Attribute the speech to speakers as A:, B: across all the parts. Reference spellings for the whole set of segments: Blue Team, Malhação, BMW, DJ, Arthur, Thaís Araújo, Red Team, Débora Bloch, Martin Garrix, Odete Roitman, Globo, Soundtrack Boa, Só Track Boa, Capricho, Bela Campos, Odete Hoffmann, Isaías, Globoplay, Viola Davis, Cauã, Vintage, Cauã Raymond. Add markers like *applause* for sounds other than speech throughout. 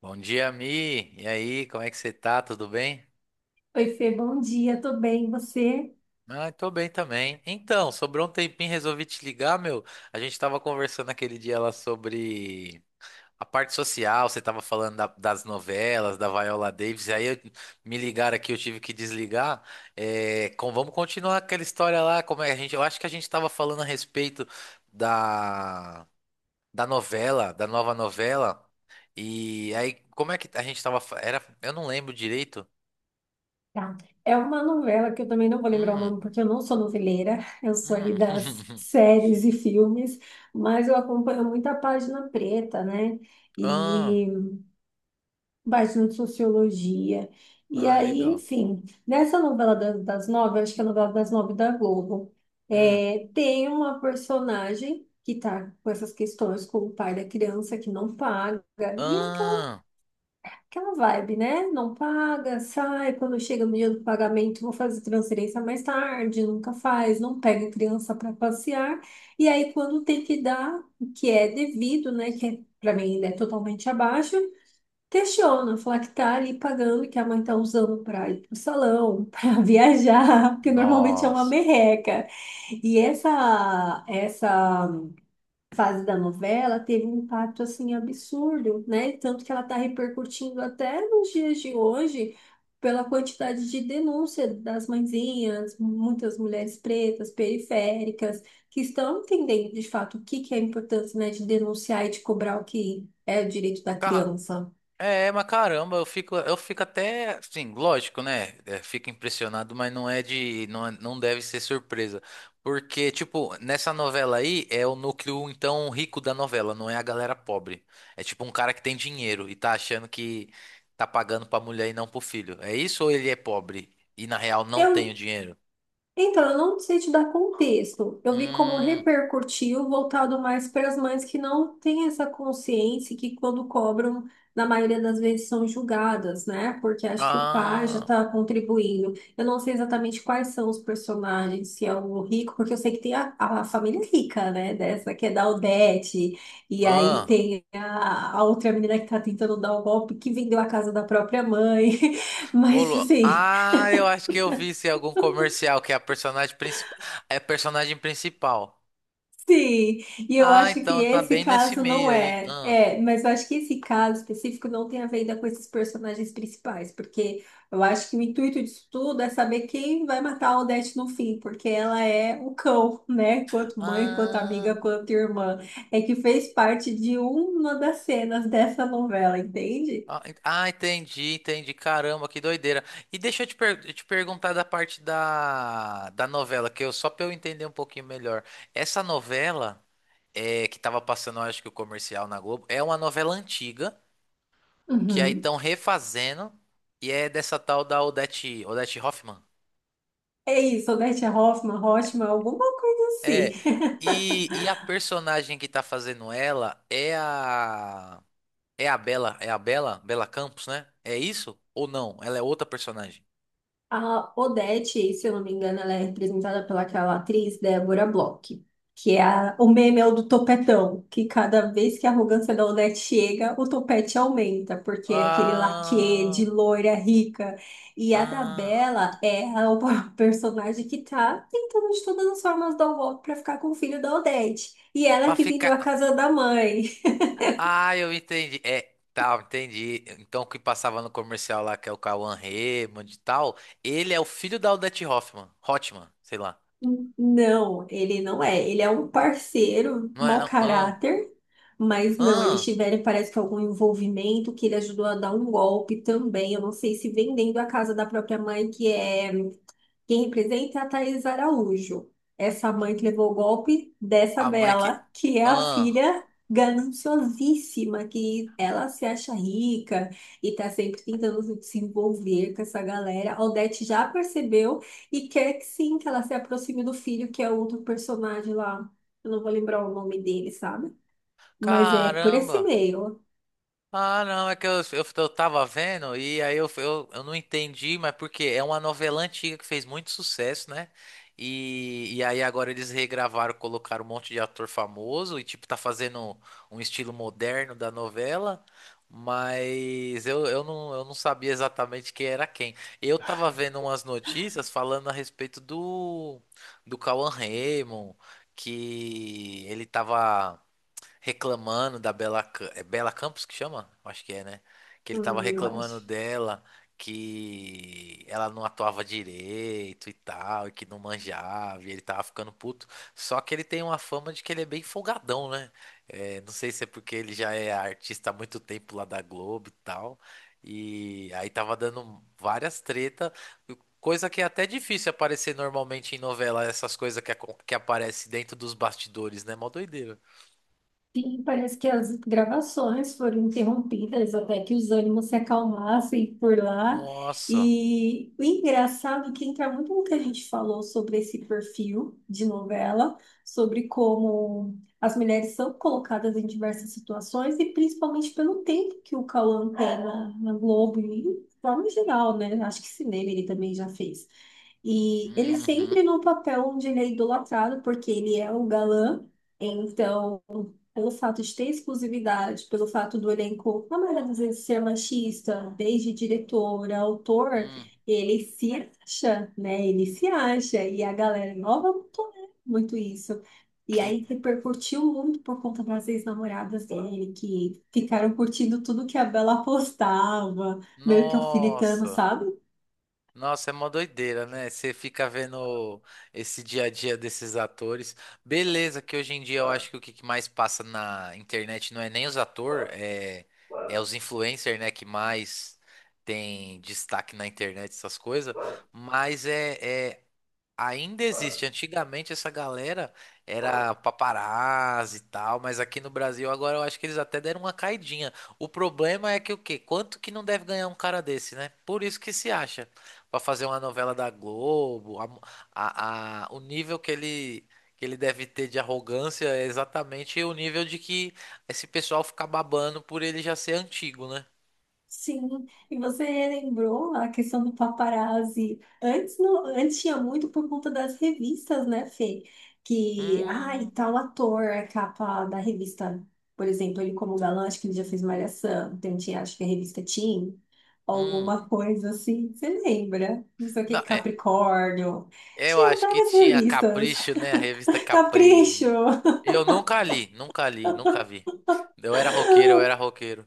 A: Bom dia, Mi. E aí, como é que você tá? Tudo bem?
B: Oi, Fê, bom dia, tô bem, e você?
A: Ah, tô bem também. Então, sobrou um tempinho, resolvi te ligar, meu. A gente tava conversando aquele dia lá sobre a parte social, você tava falando das novelas, da Viola Davis, me ligaram aqui, eu tive que desligar. É, vamos continuar aquela história lá, como é que a gente, eu acho que a gente tava falando a respeito da, da novela, da nova novela. E aí, como é que a gente tava, era, eu não lembro direito.
B: Tá. É uma novela que eu também não vou lembrar o
A: Hum.
B: nome, porque eu não sou noveleira, eu sou ali
A: Hum.
B: das
A: *laughs*
B: séries e filmes, mas eu acompanho muita página preta, né?
A: Ah,
B: E página de sociologia. E
A: ah,
B: aí,
A: legal.
B: enfim, nessa novela das nove, eu acho que é a novela das nove da Globo,
A: Hum.
B: é, tem uma personagem que tá com essas questões com o pai da criança que não paga, e
A: Ah,
B: aquela vibe, né? Não paga, sai, quando chega no dia do pagamento, vou fazer transferência mais tarde, nunca faz, não pega a criança para passear. E aí, quando tem que dar, o que é devido, né? Que é, para mim ainda é totalmente abaixo, questiona, fala que tá ali pagando, que a mãe tá usando para ir pro salão, *laughs* para viajar, porque normalmente é uma
A: nossa.
B: merreca. E essa fase da novela teve um impacto assim absurdo, né? Tanto que ela está repercutindo até nos dias de hoje pela quantidade de denúncia das mãezinhas, muitas mulheres pretas, periféricas, que estão entendendo de fato o que que é a importância, né, de denunciar e de cobrar o que é o direito da
A: Ca-
B: criança.
A: É, mas caramba, eu fico até, assim, lógico, né? É, fico impressionado, mas não é de, não, não deve ser surpresa, porque tipo nessa novela aí é o núcleo então rico da novela, não é a galera pobre. É tipo um cara que tem dinheiro e tá achando que tá pagando pra mulher e não pro filho. É isso ou ele é pobre e na real não tem o
B: Eu
A: dinheiro?
B: Então, eu não sei te dar contexto. Eu vi como
A: Hum,
B: repercutiu, voltado mais para as mães que não têm essa consciência que quando cobram, na maioria das vezes são julgadas, né? Porque acho que o pai já
A: ah.
B: está contribuindo. Eu não sei exatamente quais são os personagens, se é o rico, porque eu sei que tem a família rica, né? Dessa que é da Aldete, e aí
A: Ah,
B: tem a outra menina que está tentando dar o golpe, que vendeu a casa da própria mãe. *laughs* Mas assim.
A: Eu acho que eu vi isso em algum comercial que é a personagem principal. É a personagem principal.
B: Sim, e eu
A: Ah,
B: acho que
A: então tá
B: esse
A: bem nesse
B: caso não
A: meio aí.
B: é.
A: Ah,
B: É, mas eu acho que esse caso específico não tem a ver ainda com esses personagens principais, porque eu acho que o intuito disso tudo é saber quem vai matar a Odete no fim, porque ela é o cão, né? Quanto mãe, quanto
A: ah,
B: amiga, quanto irmã. É que fez parte de uma das cenas dessa novela, entende?
A: entendi, entendi. Caramba, que doideira. E deixa te perguntar da parte da novela, que eu só pra eu entender um pouquinho melhor. Essa novela é que tava passando, eu acho que o comercial na Globo, é uma novela antiga que aí
B: Uhum.
A: estão refazendo e é dessa tal da Odete, Odete Roitman.
B: É isso, Odete Hoffmann, Hoffmann, alguma coisa assim.
A: É,
B: *laughs*
A: e a personagem que tá fazendo ela é a. É a Bela, Bela Campos, né? É isso? Ou não? Ela é outra personagem.
B: A Odete, se eu não me engano, ela é representada pelaquela atriz Débora Bloch, que é o meme é o do topetão, que cada vez que a arrogância da Odete chega, o topete aumenta, porque é aquele laquê de
A: Ah,
B: loira rica. E a da
A: ah,
B: Bela é a o *laughs* personagem que tá tentando de todas as formas dar o golpe pra ficar com o filho da Odete. E ela
A: pra
B: que vendeu a
A: ficar.
B: casa da mãe.
A: Ah, eu entendi. É, tá, entendi. Então o que passava no comercial lá, que é o Cauã Raymond e tal, ele é o filho da Odete Hoffman, Hotman, sei lá.
B: Não, ele não é. Ele é um parceiro,
A: Não é,
B: mau
A: não? Ah,
B: caráter, mas não, eles
A: ah,
B: tiveram, parece que algum envolvimento que ele ajudou a dar um golpe também. Eu não sei se vendendo a casa da própria mãe, que é. Quem representa é a Thaís Araújo, essa mãe que levou o golpe dessa
A: a mãe que.
B: Bela, que é a
A: Ah,
B: filha gananciosíssima, que ela se acha rica e tá sempre tentando se desenvolver com essa galera. A Odete já percebeu e quer que sim, que ela se aproxime do filho, que é outro personagem lá. Eu não vou lembrar o nome dele, sabe? Mas é por esse
A: caramba.
B: meio,
A: Ah, não, é que eu tava vendo e aí eu não entendi, mas porque é uma novela antiga que fez muito sucesso, né? E aí agora eles regravaram, colocaram um monte de ator famoso e tipo tá fazendo um estilo moderno da novela, mas eu não sabia exatamente quem era quem. Eu tava vendo umas notícias falando a respeito do Cauan Raymond, que ele tava reclamando da Bela, é Bela Campos que chama? Acho que é, né? Que ele tava
B: eu
A: reclamando
B: acho.
A: dela, que ela não atuava direito e tal, e que não manjava, e ele tava ficando puto. Só que ele tem uma fama de que ele é bem folgadão, né? É, não sei se é porque ele já é artista há muito tempo lá da Globo e tal. E aí tava dando várias tretas, coisa que é até difícil aparecer normalmente em novela, essas coisas que, que aparecem dentro dos bastidores, né? Mó doideira.
B: Sim, parece que as gravações foram interrompidas até que os ânimos se acalmassem por lá.
A: Nossa.
B: E o engraçado é que entra muito no que a gente falou sobre esse perfil de novela, sobre como as mulheres são colocadas em diversas situações e principalmente pelo tempo que o Cauã tem na Globo e de forma geral, né? Acho que cinema ele também já fez. E ele
A: Uhum.
B: sempre no papel onde ele é idolatrado, porque ele é o galã. Então, pelo fato de ter exclusividade, pelo fato do elenco, na maioria das vezes, ser machista, desde diretor, autor,
A: Hum.
B: ele se acha, né? Ele se acha. E a galera nova não tolera muito isso. E
A: Que.
B: aí repercutiu muito por conta das ex-namoradas dele, que ficaram curtindo tudo que a Bela postava, meio que alfinetando,
A: Nossa.
B: sabe?
A: Nossa, é uma doideira, né? Você fica vendo esse dia a dia desses atores. Beleza, que hoje em dia eu acho que o que que mais passa na internet não é nem os atores, é os influencers, né? Que mais tem destaque na internet, essas coisas. Mas é ainda existe. Antigamente essa galera era paparazzi e tal, mas aqui no Brasil agora eu acho que eles até deram uma caidinha. O problema é que o quê? Quanto que não deve ganhar um cara desse, né? Por isso que se acha. Pra fazer uma novela da Globo, o nível que ele deve ter de arrogância é exatamente o nível de que esse pessoal fica babando por ele já ser antigo, né?
B: Sim, e você lembrou a questão do paparazzi. Antes, não, antes tinha muito por conta das revistas, né, Fê? Que, ai,
A: Hum,
B: tal ator, a capa da revista, por exemplo, ele como galã, acho que ele já fez Malhação, então tinha, acho que a revista Teen,
A: hum.
B: alguma coisa assim, você lembra? Não sei o que,
A: Não, é.
B: Capricórnio.
A: Eu
B: Tinha
A: acho que
B: várias
A: tinha
B: revistas.
A: Capricho, né? A revista
B: *laughs* Capricho!
A: Capri. Eu nunca li, nunca li, nunca vi. Eu era roqueiro, eu era roqueiro.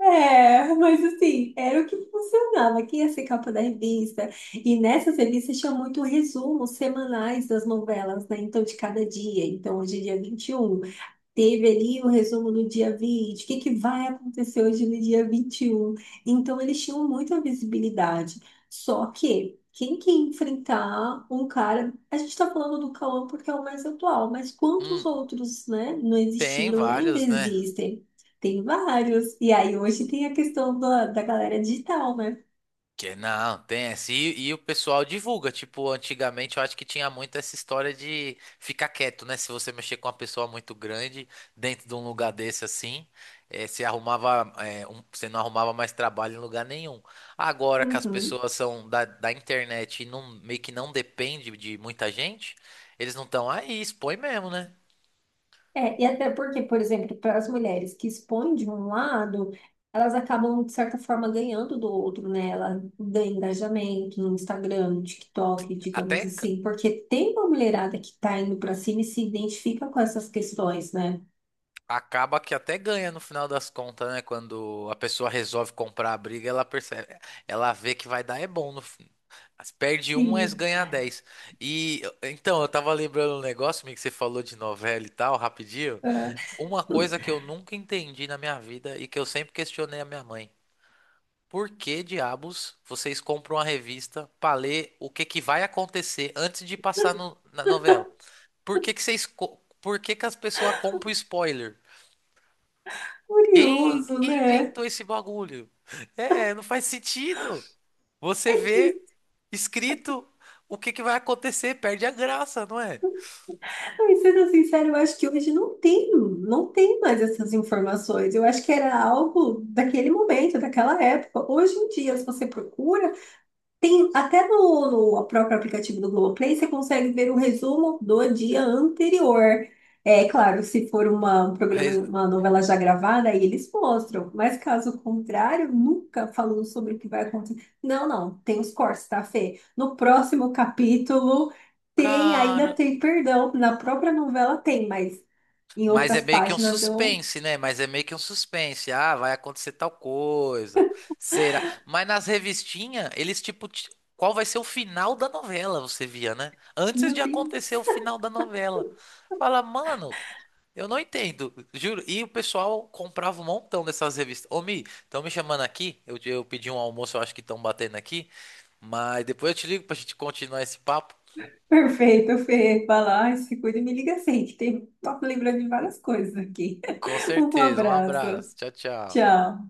B: É, mas assim, era o que funcionava, que ia ser capa da revista. E nessas revistas tinha muito resumos semanais das novelas, né? Então, de cada dia. Então, hoje é dia 21. Teve ali o resumo no dia 20, o que que vai acontecer hoje no dia 21. Então, eles tinham muita visibilidade. Só que, quem que ia enfrentar um cara... A gente está falando do Cauã porque é o mais atual, mas quantos
A: Hum,
B: outros, né, não
A: tem
B: existiram e ainda
A: vários, né?
B: existem? Tem vários. E aí, hoje tem a questão da galera digital, né?
A: Que não, tem essa. E o pessoal divulga. Tipo, antigamente eu acho que tinha muito essa história de ficar quieto, né? Se você mexer com uma pessoa muito grande dentro de um lugar desse assim, você arrumava, você não arrumava mais trabalho em lugar nenhum. Agora que as
B: Uhum.
A: pessoas são da internet e não, meio que não depende de muita gente, eles não estão aí, expõe mesmo, né?
B: É, e até porque, por exemplo, para as mulheres que expõem de um lado, elas acabam, de certa forma, ganhando do outro, né? Ela ganha engajamento no Instagram, no TikTok,
A: Até
B: digamos assim, porque tem uma mulherada que está indo para cima e se identifica com essas questões, né?
A: acaba que até ganha no final das contas, né? Quando a pessoa resolve comprar a briga, ela percebe, ela vê que vai dar é bom no fim. Perde um, mas
B: Sim.
A: ganha dez. E então, eu tava lembrando um negócio, meio que você falou de novela e tal, rapidinho.
B: É.
A: Uma coisa que
B: *laughs*
A: eu nunca entendi na minha vida e que eu sempre questionei a minha mãe. Por que diabos vocês compram uma revista pra ler o que que vai acontecer antes de passar na novela? Por que que por que que as pessoas compram spoiler?
B: Curioso,
A: Quem
B: né?
A: inventou esse bagulho? É, não faz sentido. Você
B: É
A: vê
B: que,
A: escrito o que que vai acontecer, perde a graça, não é?
B: Sendo sincero, eu acho que hoje não tem, não tem mais essas informações. Eu acho que era algo daquele momento, daquela época. Hoje em dia, se você procura, tem até no próprio aplicativo do Globoplay, você consegue ver o resumo do dia anterior. É claro, se for uma, um programa,
A: Re-
B: uma novela já gravada, aí eles mostram. Mas caso contrário, nunca falando sobre o que vai acontecer. Não, não, tem os cortes, tá, Fê? No próximo capítulo tem,
A: Cara,
B: ainda tem perdão. Na própria novela tem, mas em
A: mas é
B: outras
A: meio que um
B: páginas eu.
A: suspense, né? Mas é meio que um suspense. Ah, vai acontecer tal coisa. Será? Mas nas revistinhas, qual vai ser o final da novela, você via, né? Antes
B: Meu
A: de
B: Deus.
A: acontecer o final da novela. Fala, mano, eu não entendo, juro. E o pessoal comprava um montão dessas revistas. Ô, Mi, estão me chamando aqui. Eu pedi um almoço, eu acho que estão batendo aqui. Mas depois eu te ligo pra gente continuar esse papo.
B: Perfeito, Fê. Vai lá, se cuida e me liga assim, que tem, tô lembrando de várias coisas aqui.
A: Com
B: Um
A: certeza. Um
B: abraço.
A: abraço. Tchau, tchau.
B: Tchau.